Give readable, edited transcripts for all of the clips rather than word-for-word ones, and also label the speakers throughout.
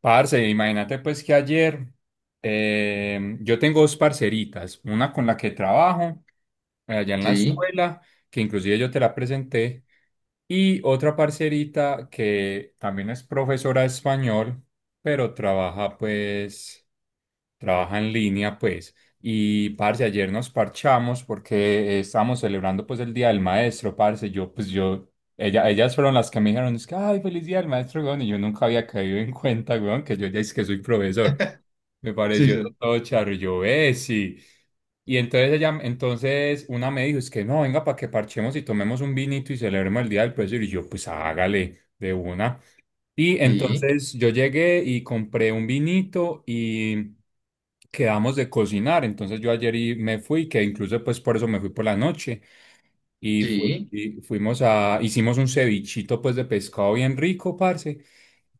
Speaker 1: Parce, imagínate pues que ayer yo tengo dos parceritas, una con la que trabajo allá en la
Speaker 2: Sí,
Speaker 1: escuela, que inclusive yo te la presenté, y otra parcerita que también es profesora de español, pero trabaja pues trabaja en línea, pues. Y, parce, ayer nos parchamos porque estábamos celebrando, pues, el Día del Maestro, parce. Yo, pues, yo, ella, ellas fueron las que me dijeron, es que, ay, feliz Día del Maestro, weón. Y yo nunca había caído en cuenta, weón, que yo ya es que soy profesor. Me
Speaker 2: sí,
Speaker 1: pareció
Speaker 2: sí,
Speaker 1: todo charro. Y yo, sí. Y entonces ella, entonces una me dijo, es que no, venga, para que parchemos y tomemos un vinito y celebremos el Día del Profesor. Y yo, pues, hágale de una. Y
Speaker 2: sí,
Speaker 1: entonces yo llegué y compré un vinito y quedamos de cocinar. Entonces yo ayer y me fui, que incluso pues por eso me fui por la noche. Y,
Speaker 2: sí,
Speaker 1: y fuimos a, hicimos un cevichito pues de pescado bien rico, parce.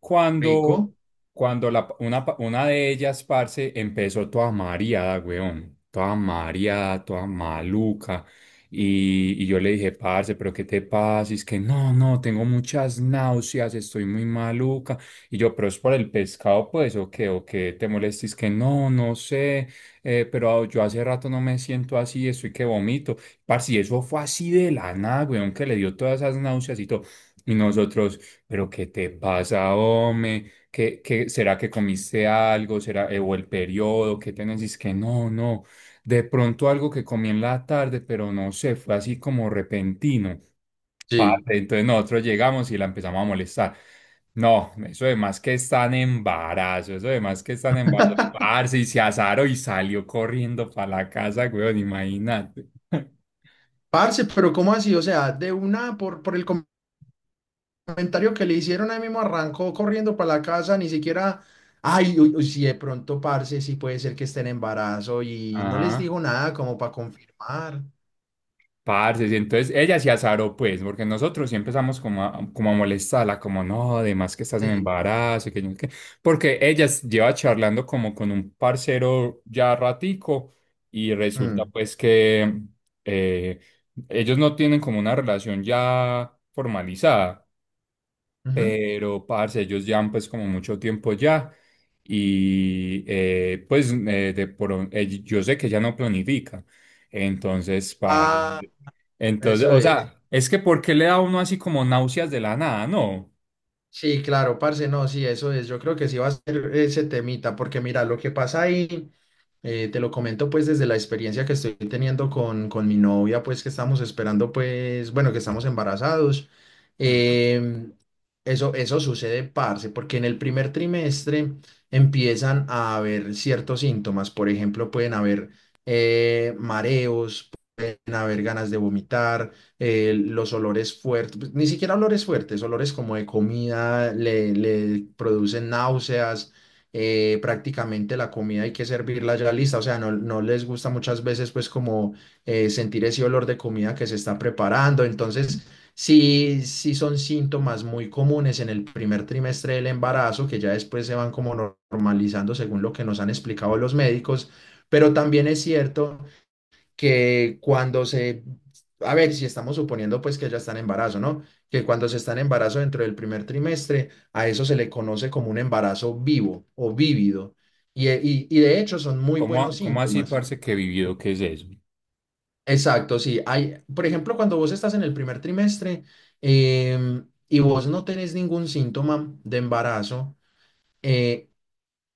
Speaker 1: Cuando,
Speaker 2: rico,
Speaker 1: cuando la, una, una de ellas, parce, empezó toda mareada, weón. Toda mareada, toda maluca. Y yo le dije, parce, pero ¿qué te pasa? Y es que no, no, tengo muchas náuseas, estoy muy maluca. Y yo, pero es por el pescado, pues, o qué te molestes, que no, no sé, pero yo hace rato no me siento así, estoy que vomito. Parce, y eso fue así de la nada, weón, que le dio todas esas náuseas y todo. Y nosotros, pero ¿qué te pasa, hombre? ¿Qué, qué, será que comiste algo? ¿Será, o el periodo? ¿Qué tenés? Y es que no, no. De pronto algo que comí en la tarde, pero no sé, fue así como repentino.
Speaker 2: sí.
Speaker 1: Parce, entonces nosotros llegamos y la empezamos a molestar. No, eso de más que están embarazo, eso de más que están embarazo. Parce, y se azaró y salió corriendo para la casa, weón, imagínate.
Speaker 2: Parce, pero ¿cómo así? O sea, de una, por el comentario que le hicieron, ahí mismo arrancó corriendo para la casa, ni siquiera, ay, uy, uy, si de pronto, parce, sí puede ser que esté en embarazo y no les
Speaker 1: Ajá,
Speaker 2: dijo nada como para confirmar.
Speaker 1: parce, y entonces ella se azaró, pues, porque nosotros sí empezamos como a molestarla, como no, además que estás en
Speaker 2: Sí.
Speaker 1: embarazo, y que yo no sé qué", porque lleva charlando como con un parcero ya ratico y resulta
Speaker 2: Mm,
Speaker 1: pues que eh, ellos no tienen como una relación ya formalizada,
Speaker 2: ujú.
Speaker 1: pero parce, ellos llevan pues como mucho tiempo ya y pues yo sé que ya no planifica, entonces,
Speaker 2: Ah,
Speaker 1: parce, entonces,
Speaker 2: eso
Speaker 1: o
Speaker 2: es.
Speaker 1: sea, es que ¿por qué le da a uno así como náuseas de la nada? No,
Speaker 2: Sí, claro, parce, no, sí, eso es. Yo creo que sí va a ser ese temita, porque mira, lo que pasa ahí, te lo comento pues desde la experiencia que estoy teniendo con mi novia, pues que estamos esperando, pues, bueno, que estamos embarazados.
Speaker 1: ujú.
Speaker 2: Em, eso sucede, parce, porque en el primer trimestre empiezan a haber ciertos síntomas. Por ejemplo, pueden haber mareos, haber ganas de vomitar, los olores fuertes, pues, ni siquiera olores fuertes, olores como de comida, le producen náuseas, prácticamente la comida hay que servirla ya lista, o sea, no, no les gusta muchas veces pues como sentir ese olor de comida que se está preparando, entonces... Sí, sí son síntomas muy comunes en el primer trimestre del embarazo, que ya después se van como normalizando según lo que nos han explicado los médicos, pero también es cierto que cuando se, a ver, si estamos suponiendo pues que ya están en embarazo, ¿no? Que cuando se está en embarazo dentro del primer trimestre, a eso se le conoce como un embarazo vivo o vívido. Y de hecho son muy buenos
Speaker 1: ¿Cómo, cómo así,
Speaker 2: síntomas.
Speaker 1: parce, que vivido, qué es eso?
Speaker 2: Exacto, sí. Hay, por ejemplo, cuando vos estás en el primer trimestre y vos no tenés ningún síntoma de embarazo, eh,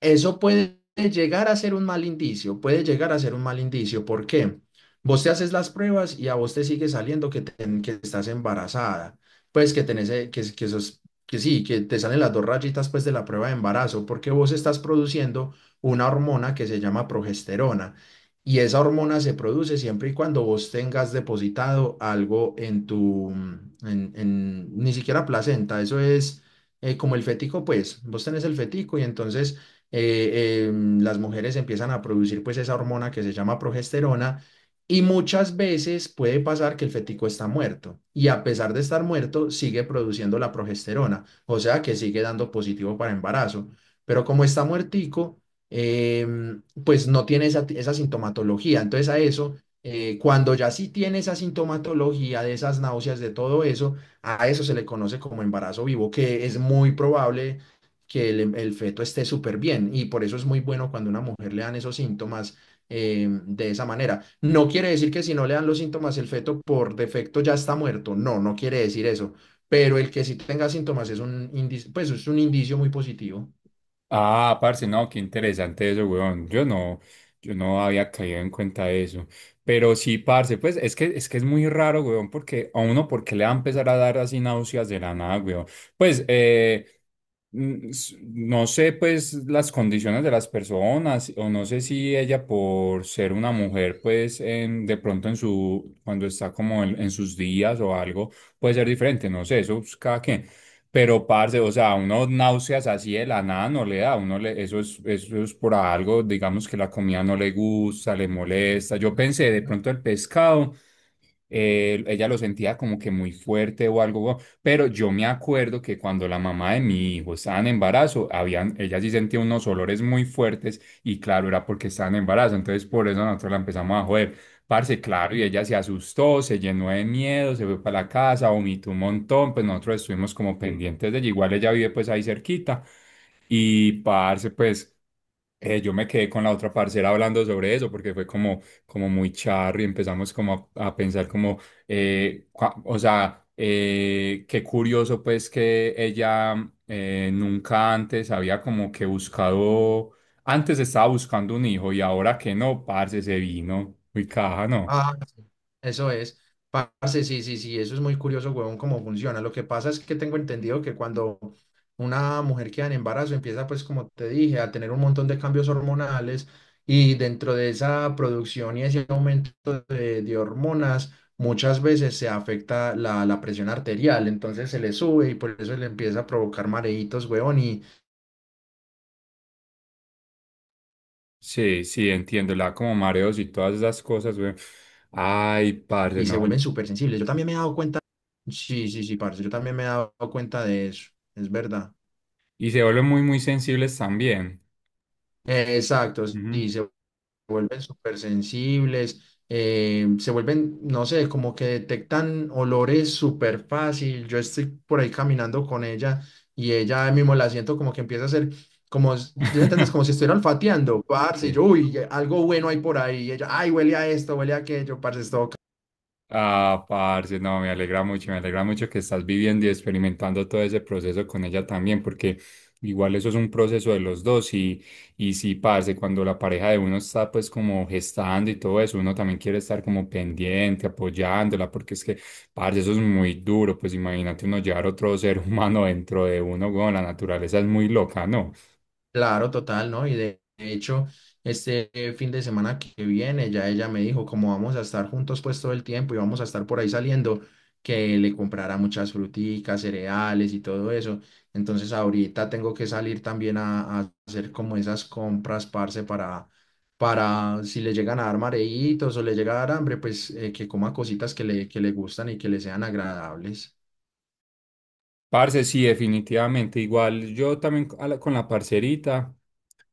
Speaker 2: Eso puede llegar a ser un mal indicio, puede llegar a ser un mal indicio. ¿Por qué? Vos te haces las pruebas y a vos te sigue saliendo que estás embarazada, pues que tenés, que sí, que te salen las dos rayitas pues de la prueba de embarazo, porque vos estás produciendo una hormona que se llama progesterona y esa hormona se produce siempre y cuando vos tengas depositado algo en tu, ni siquiera placenta, eso es como el fetico, pues vos tenés el fetico y entonces eh, eh, las mujeres empiezan a producir pues esa hormona que se llama progesterona y muchas veces puede pasar que el fetico está muerto y a pesar de estar muerto sigue produciendo la progesterona, o sea que sigue dando positivo para embarazo, pero como está muertico, pues no tiene esa, esa sintomatología. Entonces a eso, cuando ya sí tiene esa sintomatología de esas náuseas, de todo eso, a eso se le conoce como embarazo vivo, que es muy probable que el feto esté súper bien. Y por eso es muy bueno cuando a una mujer le dan esos síntomas de esa manera. No quiere decir que si no le dan los síntomas, el feto por defecto ya está muerto. No, no quiere decir eso. Pero el que sí tenga síntomas es un indicio, pues es un indicio muy positivo.
Speaker 1: Ah, parce, no, qué interesante eso, weón. Yo no, yo no había caído en cuenta de eso. Pero sí, parce, pues es que es muy raro, weón, porque a uno, ¿por qué le va a empezar a dar así náuseas de la nada, weón? Pues, no sé, pues, las condiciones de las personas, o no sé si ella por ser una mujer, pues, en, de pronto en su, cuando está como en sus días o algo, puede ser diferente, no sé, eso es cada quien. Pero, parce, o sea, a uno náuseas así de la nada no le da, a uno le, eso es por algo, digamos que la comida no le gusta, le molesta. Yo pensé de pronto el pescado, ella lo sentía como que muy fuerte o algo, pero yo me acuerdo que cuando la mamá de mi hijo estaba en embarazo, habían, ella sí sentía unos olores muy fuertes y claro, era porque estaba en embarazo, entonces por eso nosotros la empezamos a joder. Parce, claro, y ella
Speaker 2: Ujú.
Speaker 1: se asustó, se llenó de miedo, se fue para la casa, vomitó un montón, pues nosotros estuvimos como pendientes de ella, igual ella vive pues ahí cerquita y parce, pues... yo me quedé con la otra parcera hablando sobre eso porque fue como, como muy charro y empezamos como a pensar como, o sea, qué curioso pues que ella nunca antes había como que buscado, antes estaba buscando un hijo y ahora que no, parce, se vino, muy caja, ¿no?
Speaker 2: Ah, sí, eso es. Parce, sí, sí, sí, eso es muy curioso, huevón, cómo funciona. Lo que pasa es que tengo entendido que cuando una mujer queda en embarazo, empieza, pues, como te dije, a tener un montón de cambios hormonales y dentro de esa producción y ese aumento de hormonas, muchas veces se afecta la presión arterial, entonces se le sube y por eso le empieza a provocar mareitos, huevón,
Speaker 1: Sí, sí, entiendo, la como mareos y todas esas cosas, güey. Ay, parce,
Speaker 2: y se
Speaker 1: no.
Speaker 2: vuelven súper sensibles. Yo también me he dado cuenta, sí, sí, sí, parce, yo también me he dado cuenta de eso, es verdad.
Speaker 1: Y se vuelven muy, muy sensibles también.
Speaker 2: Exacto,
Speaker 1: Ujú.
Speaker 2: sí, se vuelven súper sensibles, se vuelven, no sé, como que detectan olores súper fácil. Yo estoy por ahí caminando con ella y ella mismo la siento como que empieza a hacer, como, si ¿sí me entiendes? Como si estuviera olfateando, parce, y yo, uy, algo bueno hay por ahí. Y ella, ay, huele a esto, huele a aquello, parce, es todo.
Speaker 1: Ah, parce, no, me alegra mucho que estás viviendo y experimentando todo ese proceso con ella también, porque igual eso es un proceso de los dos y sí, parce, cuando la pareja de uno está pues como gestando y todo eso, uno también quiere estar como pendiente, apoyándola, porque es que, parce, eso es muy duro, pues imagínate uno llevar otro ser humano dentro de uno, bueno la naturaleza es muy loca, ¿no?
Speaker 2: Claro, total, ¿no? Y de hecho, este fin de semana que viene, ya ella me dijo, como vamos a estar juntos pues todo el tiempo y vamos a estar por ahí saliendo, que le comprara muchas fruticas, cereales y todo eso. Entonces ahorita tengo que salir también a hacer como esas compras, parce, para si le llegan a dar mareitos o le llega a dar hambre, pues que coma cositas que le gustan y que le sean agradables.
Speaker 1: Parce, sí, definitivamente, igual yo también con la parcerita.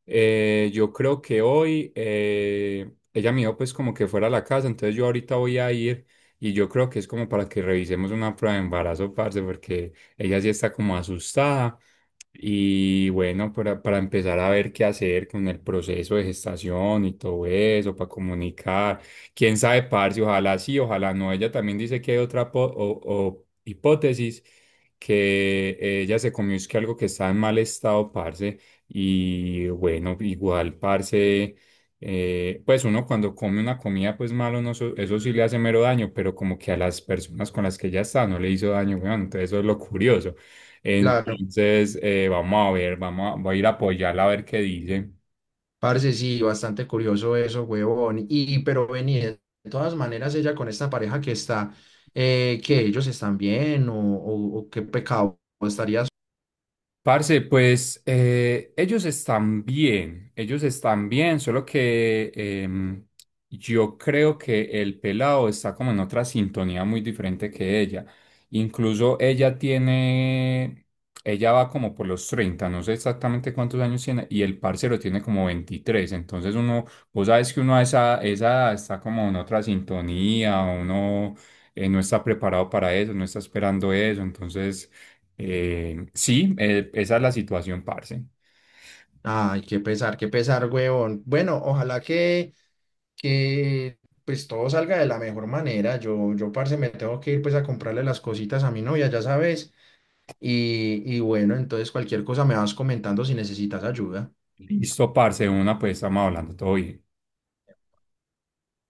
Speaker 1: Yo creo que hoy ella me dijo pues como que fuera a la casa, entonces yo ahorita voy a ir y yo creo que es como para que revisemos una prueba de embarazo, parce, porque ella sí está como asustada y bueno, para empezar a ver qué hacer con el proceso de gestación y todo eso, para comunicar, quién sabe, parce, ojalá sí, ojalá no, ella también dice que hay otra o hipótesis que ella se comió es que algo que está en mal estado, parce. Y bueno, igual, parce, pues uno cuando come una comida, pues malo, no, eso sí le hace mero daño, pero como que a las personas con las que ya está no le hizo daño, weón. Entonces eso es lo curioso.
Speaker 2: Claro.
Speaker 1: Entonces, vamos a ver, vamos a, voy a ir a apoyarla a ver qué dice.
Speaker 2: Parce, sí, bastante curioso eso, huevón. Y, pero vení, de todas maneras, ella con esta pareja que está, que ellos están bien, o qué pecado estarías.
Speaker 1: Parce, pues ellos están bien, solo que yo creo que el pelado está como en otra sintonía muy diferente que ella. Incluso ella tiene, ella va como por los 30. No sé exactamente cuántos años tiene, y el parcero tiene como 23. Entonces uno, vos sabes que uno a esa, esa edad está como en otra sintonía, uno no está preparado para eso, no está esperando eso, entonces... sí, esa es la situación, parce.
Speaker 2: Ay, qué pesar, huevón. Bueno, ojalá que pues todo salga de la mejor manera. Parce, me tengo que ir pues a comprarle las cositas a mi novia, ya sabes. Y bueno, entonces cualquier cosa me vas comentando si necesitas ayuda.
Speaker 1: Listo, parce, de una, pues estamos hablando todo bien.